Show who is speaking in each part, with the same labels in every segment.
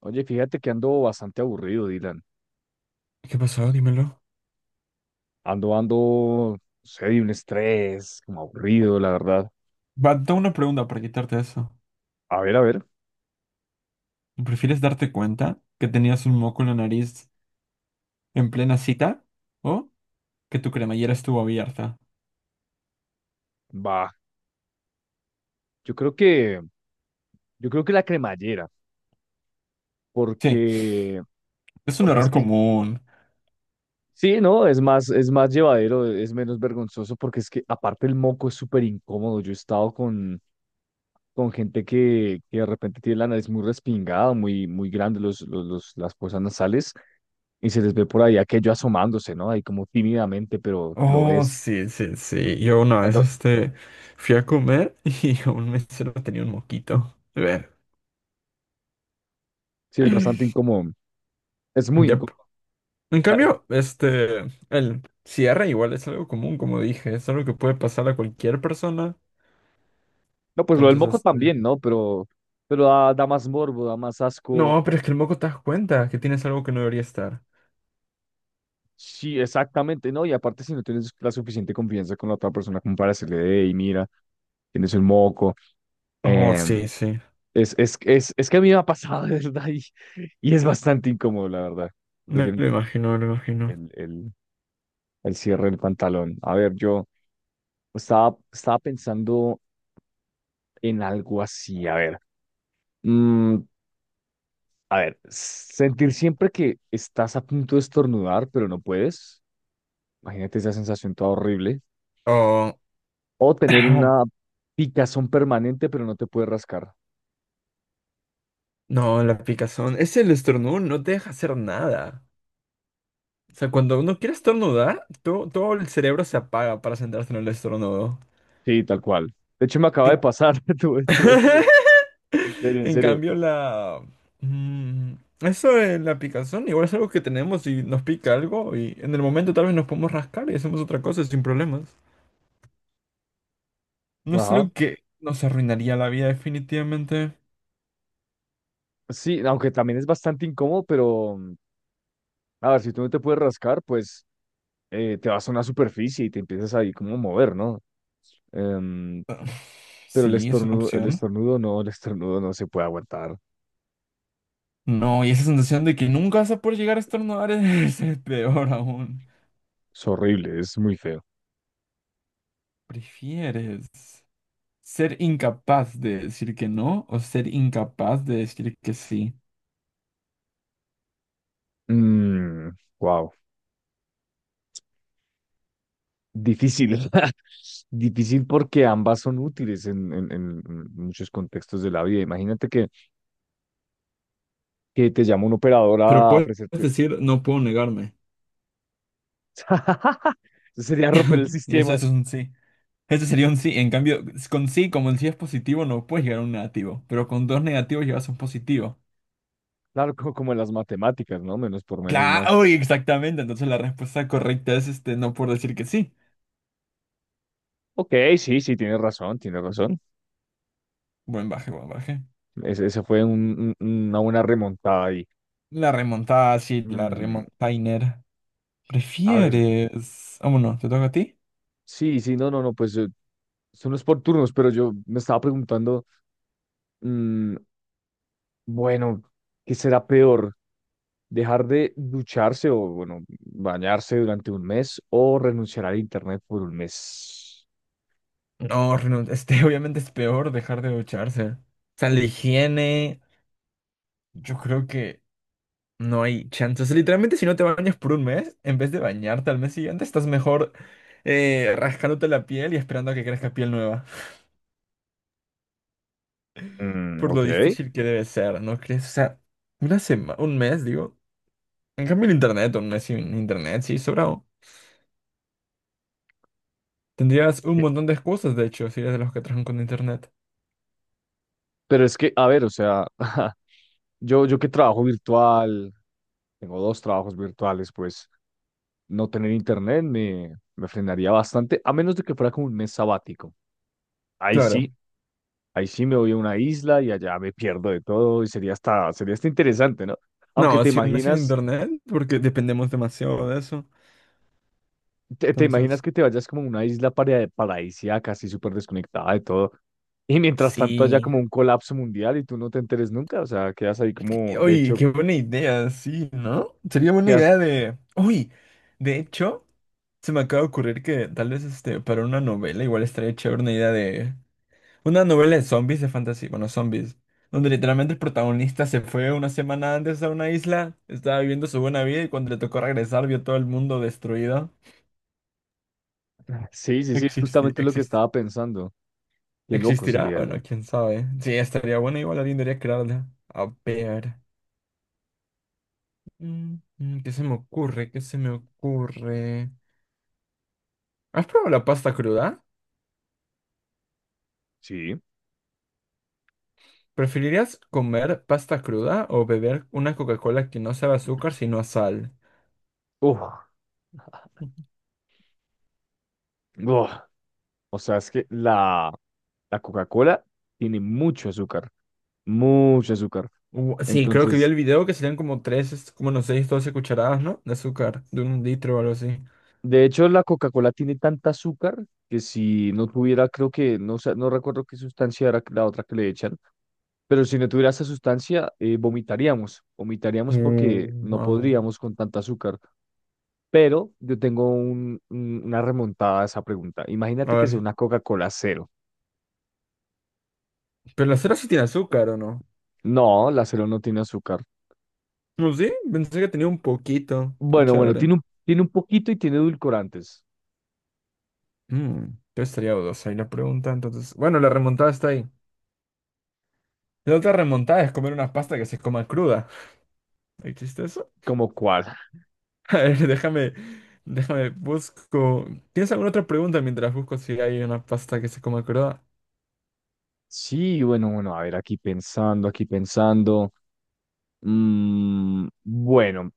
Speaker 1: Oye, fíjate que ando bastante aburrido, Dylan.
Speaker 2: ¿Qué pasó? Dímelo.
Speaker 1: Ando, no sé, de un estrés, como aburrido, la verdad.
Speaker 2: Va, tengo una pregunta para quitarte eso.
Speaker 1: A ver,
Speaker 2: ¿Prefieres darte cuenta que tenías un moco en la nariz en plena cita o que tu cremallera estuvo abierta?
Speaker 1: va. Yo creo que, yo creo que la cremallera,
Speaker 2: Sí,
Speaker 1: porque,
Speaker 2: es un
Speaker 1: porque es
Speaker 2: error
Speaker 1: que,
Speaker 2: común.
Speaker 1: sí, no, es más llevadero, es menos vergonzoso, porque es que aparte el moco es súper incómodo. Yo he estado con gente que de repente tiene la nariz muy respingada, muy grande, las fosas nasales, y se les ve por ahí aquello asomándose, ¿no? Ahí como tímidamente, pero lo
Speaker 2: Oh,
Speaker 1: ves.
Speaker 2: sí, sí, sí. Yo una vez fui a comer y un mesero tenía un moquito. A ver.
Speaker 1: Sí, es bastante incómodo. Es muy
Speaker 2: Yep.
Speaker 1: incómodo.
Speaker 2: En
Speaker 1: A veces-
Speaker 2: cambio, el cierre igual es algo común, como dije, es algo que puede pasar a cualquier persona.
Speaker 1: No, pues lo del
Speaker 2: Entonces,
Speaker 1: moco
Speaker 2: este.
Speaker 1: también, ¿no? Pero, da más morbo, da más asco.
Speaker 2: No, pero es que el moco te das cuenta que tienes algo que no debería estar.
Speaker 1: Sí, exactamente, ¿no? Y aparte, si no tienes la suficiente confianza con la otra persona como para decirle, hey, mira, tienes un moco.
Speaker 2: Oh,
Speaker 1: eh,
Speaker 2: sí, sí.
Speaker 1: es que a mí me ha pasado, de verdad, y es bastante incómodo, la verdad.
Speaker 2: Me
Speaker 1: Prefiero
Speaker 2: lo imagino, me lo imagino.
Speaker 1: el, el, el cierre del pantalón. A ver, yo estaba pensando en algo así, a ver. Mm, A ver, sentir siempre que estás a punto de estornudar, pero no puedes. Imagínate esa sensación toda horrible.
Speaker 2: Oh,
Speaker 1: O tener una picazón permanente, pero no te puedes rascar.
Speaker 2: no, la picazón. Es el estornudo, no te deja hacer nada. O sea, cuando uno quiere estornudar, todo el cerebro se apaga para centrarse en el estornudo.
Speaker 1: Sí, tal cual. De hecho, me acaba
Speaker 2: En,
Speaker 1: de pasar. Tuve. En serio, en
Speaker 2: en
Speaker 1: serio.
Speaker 2: cambio, la mm, eso de la picazón igual es algo que tenemos y nos pica algo y en el momento tal vez nos podemos rascar y hacemos otra cosa sin problemas. No es
Speaker 1: Ajá.
Speaker 2: algo que nos arruinaría la vida definitivamente.
Speaker 1: Sí, aunque también es bastante incómodo, pero a ver, si tú no te puedes rascar, pues te vas a una superficie y te empiezas ahí como a mover, ¿no? Em,
Speaker 2: Ah,
Speaker 1: pero el
Speaker 2: sí, es una
Speaker 1: estornudo,
Speaker 2: opción.
Speaker 1: el estornudo no se puede aguantar.
Speaker 2: No, y esa sensación de que nunca vas a poder llegar a estornudar es, es peor aún.
Speaker 1: Es horrible, es muy feo.
Speaker 2: ¿Prefieres ser incapaz de decir que no o ser incapaz de decir que sí?
Speaker 1: Wow. Difícil. Difícil porque ambas son útiles en muchos contextos de la vida. Imagínate que te llama un operador
Speaker 2: Pero
Speaker 1: a
Speaker 2: puedes
Speaker 1: ofrecerte.
Speaker 2: decir no puedo negarme.
Speaker 1: Eso sería romper el
Speaker 2: Y eso,
Speaker 1: sistema.
Speaker 2: eso es un sí. Eso sería un sí. En cambio, con sí, como el sí es positivo, no puedes llegar a un negativo. Pero con dos negativos llevas a un positivo.
Speaker 1: Claro, como, en las matemáticas, ¿no? Menos por menos más.
Speaker 2: Claro, uy, exactamente. Entonces la respuesta correcta es no, por decir que sí.
Speaker 1: Ok, sí, sí, tienes razón, tienes razón.
Speaker 2: Buen baje, buen baje.
Speaker 1: Esa fue una buena remontada ahí.
Speaker 2: La remontada, sí, la
Speaker 1: Mm,
Speaker 2: remontainer.
Speaker 1: a ver,
Speaker 2: ¿Prefieres? Vámonos, ¿te toca a ti?
Speaker 1: sí, sí, no, no, no, pues son los por turnos, pero yo me estaba preguntando. mm, Bueno, ¿qué será peor? ¿Dejar de ducharse o, bueno, bañarse durante un mes o renunciar al internet por un mes?
Speaker 2: No, renun- este obviamente es peor dejar de ducharse. O sea, la higiene, yo creo que no hay chances. Literalmente, si no te bañas por un mes, en vez de bañarte al mes siguiente, estás mejor, rascándote la piel y esperando a que crezca piel nueva. Por
Speaker 1: Ok.
Speaker 2: lo difícil que debe ser, ¿no crees? O sea, una semana, un mes, digo. En cambio, el internet, un mes sin internet, sí, sobrado. Tendrías un montón de excusas, de hecho, si eres de los que trabajan con internet.
Speaker 1: Pero es que, a ver, o sea, yo que trabajo virtual, tengo dos trabajos virtuales, pues no tener internet me frenaría bastante, a menos de que fuera como un mes sabático. Ahí
Speaker 2: Claro.
Speaker 1: sí, ahí sí me voy a una isla y allá me pierdo de todo y sería hasta interesante, ¿no? Aunque
Speaker 2: No,
Speaker 1: te
Speaker 2: si un mes sin
Speaker 1: imaginas
Speaker 2: internet, porque dependemos demasiado de eso.
Speaker 1: te imaginas
Speaker 2: Entonces,
Speaker 1: que te vayas como a una isla paradisíaca, así súper desconectada de todo, y mientras tanto haya
Speaker 2: sí.
Speaker 1: como un colapso mundial y tú no te enteres nunca, o sea, quedas ahí como,
Speaker 2: Qué-
Speaker 1: de
Speaker 2: Uy,
Speaker 1: hecho,
Speaker 2: qué buena idea, sí, ¿no? Sería buena
Speaker 1: quedas...
Speaker 2: idea de... Uy, de hecho. Se me acaba de ocurrir que tal vez para una novela igual estaría chévere una idea de... Una novela de zombies, de fantasía, bueno, zombies. Donde literalmente el protagonista se fue una semana antes a una isla, estaba viviendo su buena vida y cuando le tocó regresar vio todo el mundo destruido.
Speaker 1: Sí, sí, sí, es
Speaker 2: Existe,
Speaker 1: justamente lo que
Speaker 2: existe.
Speaker 1: estaba pensando. Qué loco
Speaker 2: ¿Existirá?
Speaker 1: sería
Speaker 2: Bueno,
Speaker 1: eso.
Speaker 2: quién sabe. Sí, estaría bueno, igual alguien debería crearla. A ver. Mm, mm, ¿qué se me ocurre? ¿Qué se me ocurre? ¿Has probado la pasta cruda?
Speaker 1: Sí.
Speaker 2: ¿Preferirías comer pasta cruda o beber una Coca-Cola que no sabe a azúcar sino a sal?
Speaker 1: Uf. Uf. O sea, es que la Coca-Cola tiene mucho azúcar, mucho azúcar.
Speaker 2: U- sí, creo que vi
Speaker 1: Entonces,
Speaker 2: el video que serían como 3, como no 6, 12 cucharadas, ¿no? De azúcar, de un litro o algo así.
Speaker 1: de hecho, la Coca-Cola tiene tanta azúcar que si no tuviera, creo que, no, sé, no recuerdo qué sustancia era la otra que le echan. Pero si no tuviera esa sustancia, vomitaríamos,
Speaker 2: Uh,
Speaker 1: vomitaríamos porque no
Speaker 2: wow.
Speaker 1: podríamos con tanto azúcar. Pero yo tengo una remontada a esa pregunta.
Speaker 2: A
Speaker 1: Imagínate que sea
Speaker 2: ver,
Speaker 1: una Coca-Cola cero.
Speaker 2: pero la cera sí tiene azúcar, ¿o no?
Speaker 1: No, la cero no tiene azúcar.
Speaker 2: No, sí, pensé que tenía un poquito. Qué
Speaker 1: Bueno, bueno,
Speaker 2: chévere.
Speaker 1: tiene tiene un poquito y tiene edulcorantes.
Speaker 2: Mm, yo estaría dudosa ahí la pregunta, entonces. Bueno, la remontada está ahí. La otra remontada es comer una pasta que se coma cruda. ¿Existe eso?
Speaker 1: ¿Como cuál?
Speaker 2: A ver, déjame, busco. ¿Tienes alguna otra pregunta mientras busco si hay una pasta que se coma cruda?
Speaker 1: Sí, bueno, bueno, a ver, aquí pensando, aquí pensando. Bueno,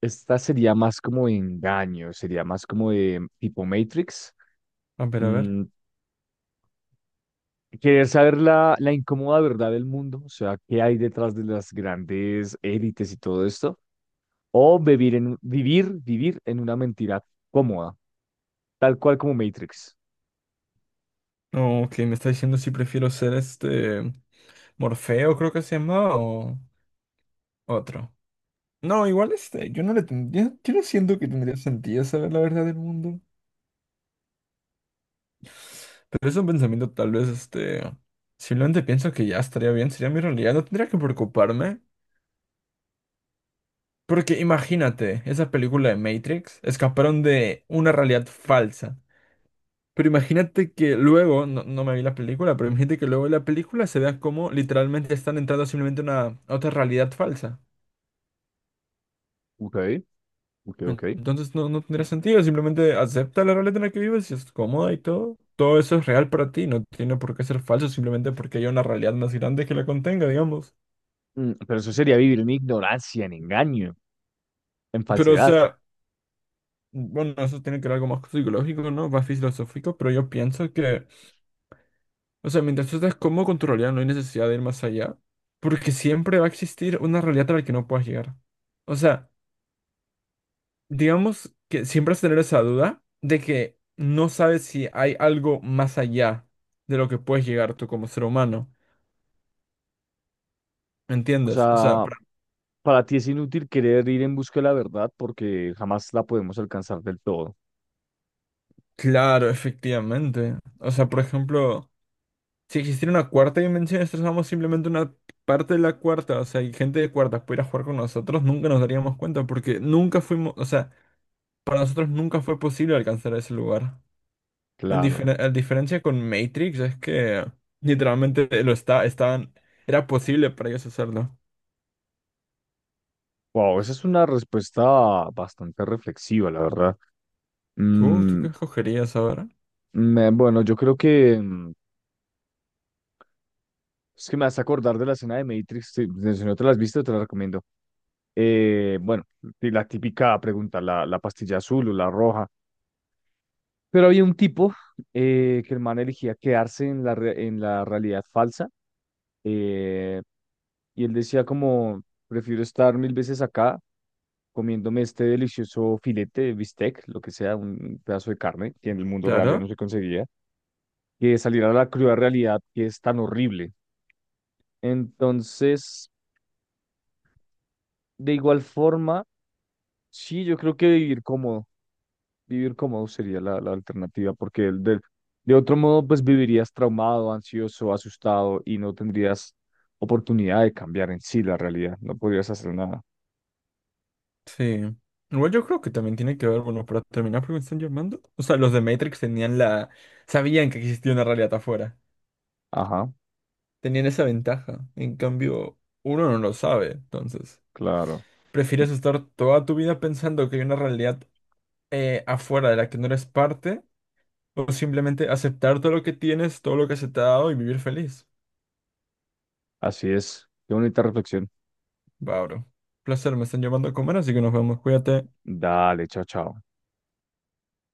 Speaker 1: esta sería más como de engaño, sería más como de tipo Matrix.
Speaker 2: A ver, a ver.
Speaker 1: Mm, Querer saber la incómoda verdad del mundo, o sea, qué hay detrás de las grandes élites y todo esto, o vivir vivir en una mentira cómoda, tal cual como Matrix.
Speaker 2: No, que me está diciendo si prefiero ser Morfeo, creo que se llama, o otro. No, igual yo no le tendría, yo no siento que tendría sentido saber la verdad del mundo. Pero es un pensamiento tal vez simplemente pienso que ya estaría bien, sería mi realidad, no tendría que preocuparme. Porque imagínate, esa película de Matrix escaparon de una realidad falsa. Pero imagínate que luego, no me vi la película, pero imagínate que luego en la película se vea como literalmente están entrando simplemente a una a otra realidad falsa.
Speaker 1: Ok, ok,
Speaker 2: En-
Speaker 1: ok.
Speaker 2: entonces no, no tendría sentido, simplemente acepta la realidad en la que vives y es cómoda y todo. Todo eso es real para ti, no tiene por qué ser falso simplemente porque haya una realidad más grande que la contenga, digamos.
Speaker 1: Pero eso sería vivir en ignorancia, en engaño, en
Speaker 2: Pero o
Speaker 1: falsedad.
Speaker 2: sea, bueno, eso tiene que ver algo más psicológico, ¿no? Más filosófico, pero yo pienso que, o sea, mientras tú estés cómodo con tu realidad, no hay necesidad de ir más allá, porque siempre va a existir una realidad a la que no puedas llegar. O sea, digamos que siempre vas a tener esa duda de que no sabes si hay algo más allá de lo que puedes llegar tú como ser humano. ¿Me
Speaker 1: O
Speaker 2: entiendes? O sea,
Speaker 1: sea,
Speaker 2: pra-
Speaker 1: para ti es inútil querer ir en busca de la verdad porque jamás la podemos alcanzar del todo.
Speaker 2: claro, efectivamente. O sea, por ejemplo, si existiera una cuarta dimensión, nosotros somos simplemente una parte de la cuarta. O sea, y gente de cuartas pudiera jugar con nosotros, nunca nos daríamos cuenta, porque nunca fuimos, o sea, para nosotros nunca fue posible alcanzar ese lugar. En
Speaker 1: Claro.
Speaker 2: difer- a diferencia con Matrix es que literalmente lo estaban, era posible para ellos hacerlo.
Speaker 1: Wow, esa es una respuesta bastante reflexiva, la verdad.
Speaker 2: ¿Tú
Speaker 1: Mm,
Speaker 2: qué escogerías ahora?
Speaker 1: Bueno, yo creo que es que me vas a acordar de la escena de Matrix. Sí, pues, si no te la has visto, te la recomiendo. Bueno, y la típica pregunta, la pastilla azul o la roja. Pero había un tipo que el man elegía quedarse en en la realidad falsa. eh, y él decía como, prefiero estar mil veces acá comiéndome este delicioso filete de bistec, lo que sea, un pedazo de carne que en el mundo real ya no
Speaker 2: Claro,
Speaker 1: se conseguía, que salir a la cruda realidad que es tan horrible. Entonces, de igual forma, sí, yo creo que vivir cómodo sería la alternativa, porque de otro modo, pues vivirías traumado, ansioso, asustado y no tendrías oportunidad de cambiar en sí la realidad, no podrías hacer nada.
Speaker 2: sí. Igual yo creo que también tiene que ver, bueno, para terminar, porque me están llamando. O sea, los de Matrix tenían la, sabían que existía una realidad afuera.
Speaker 1: Ajá,
Speaker 2: Tenían esa ventaja. En cambio, uno no lo sabe, entonces.
Speaker 1: claro,
Speaker 2: ¿Prefieres estar toda tu vida pensando que hay una realidad afuera de la que no eres parte? O simplemente aceptar todo lo que tienes, todo lo que se te ha dado y vivir feliz.
Speaker 1: así es. Qué bonita reflexión.
Speaker 2: Va, bro. Placer, me están llamando a comer, así que nos vemos. Cuídate.
Speaker 1: Dale, chao, chao.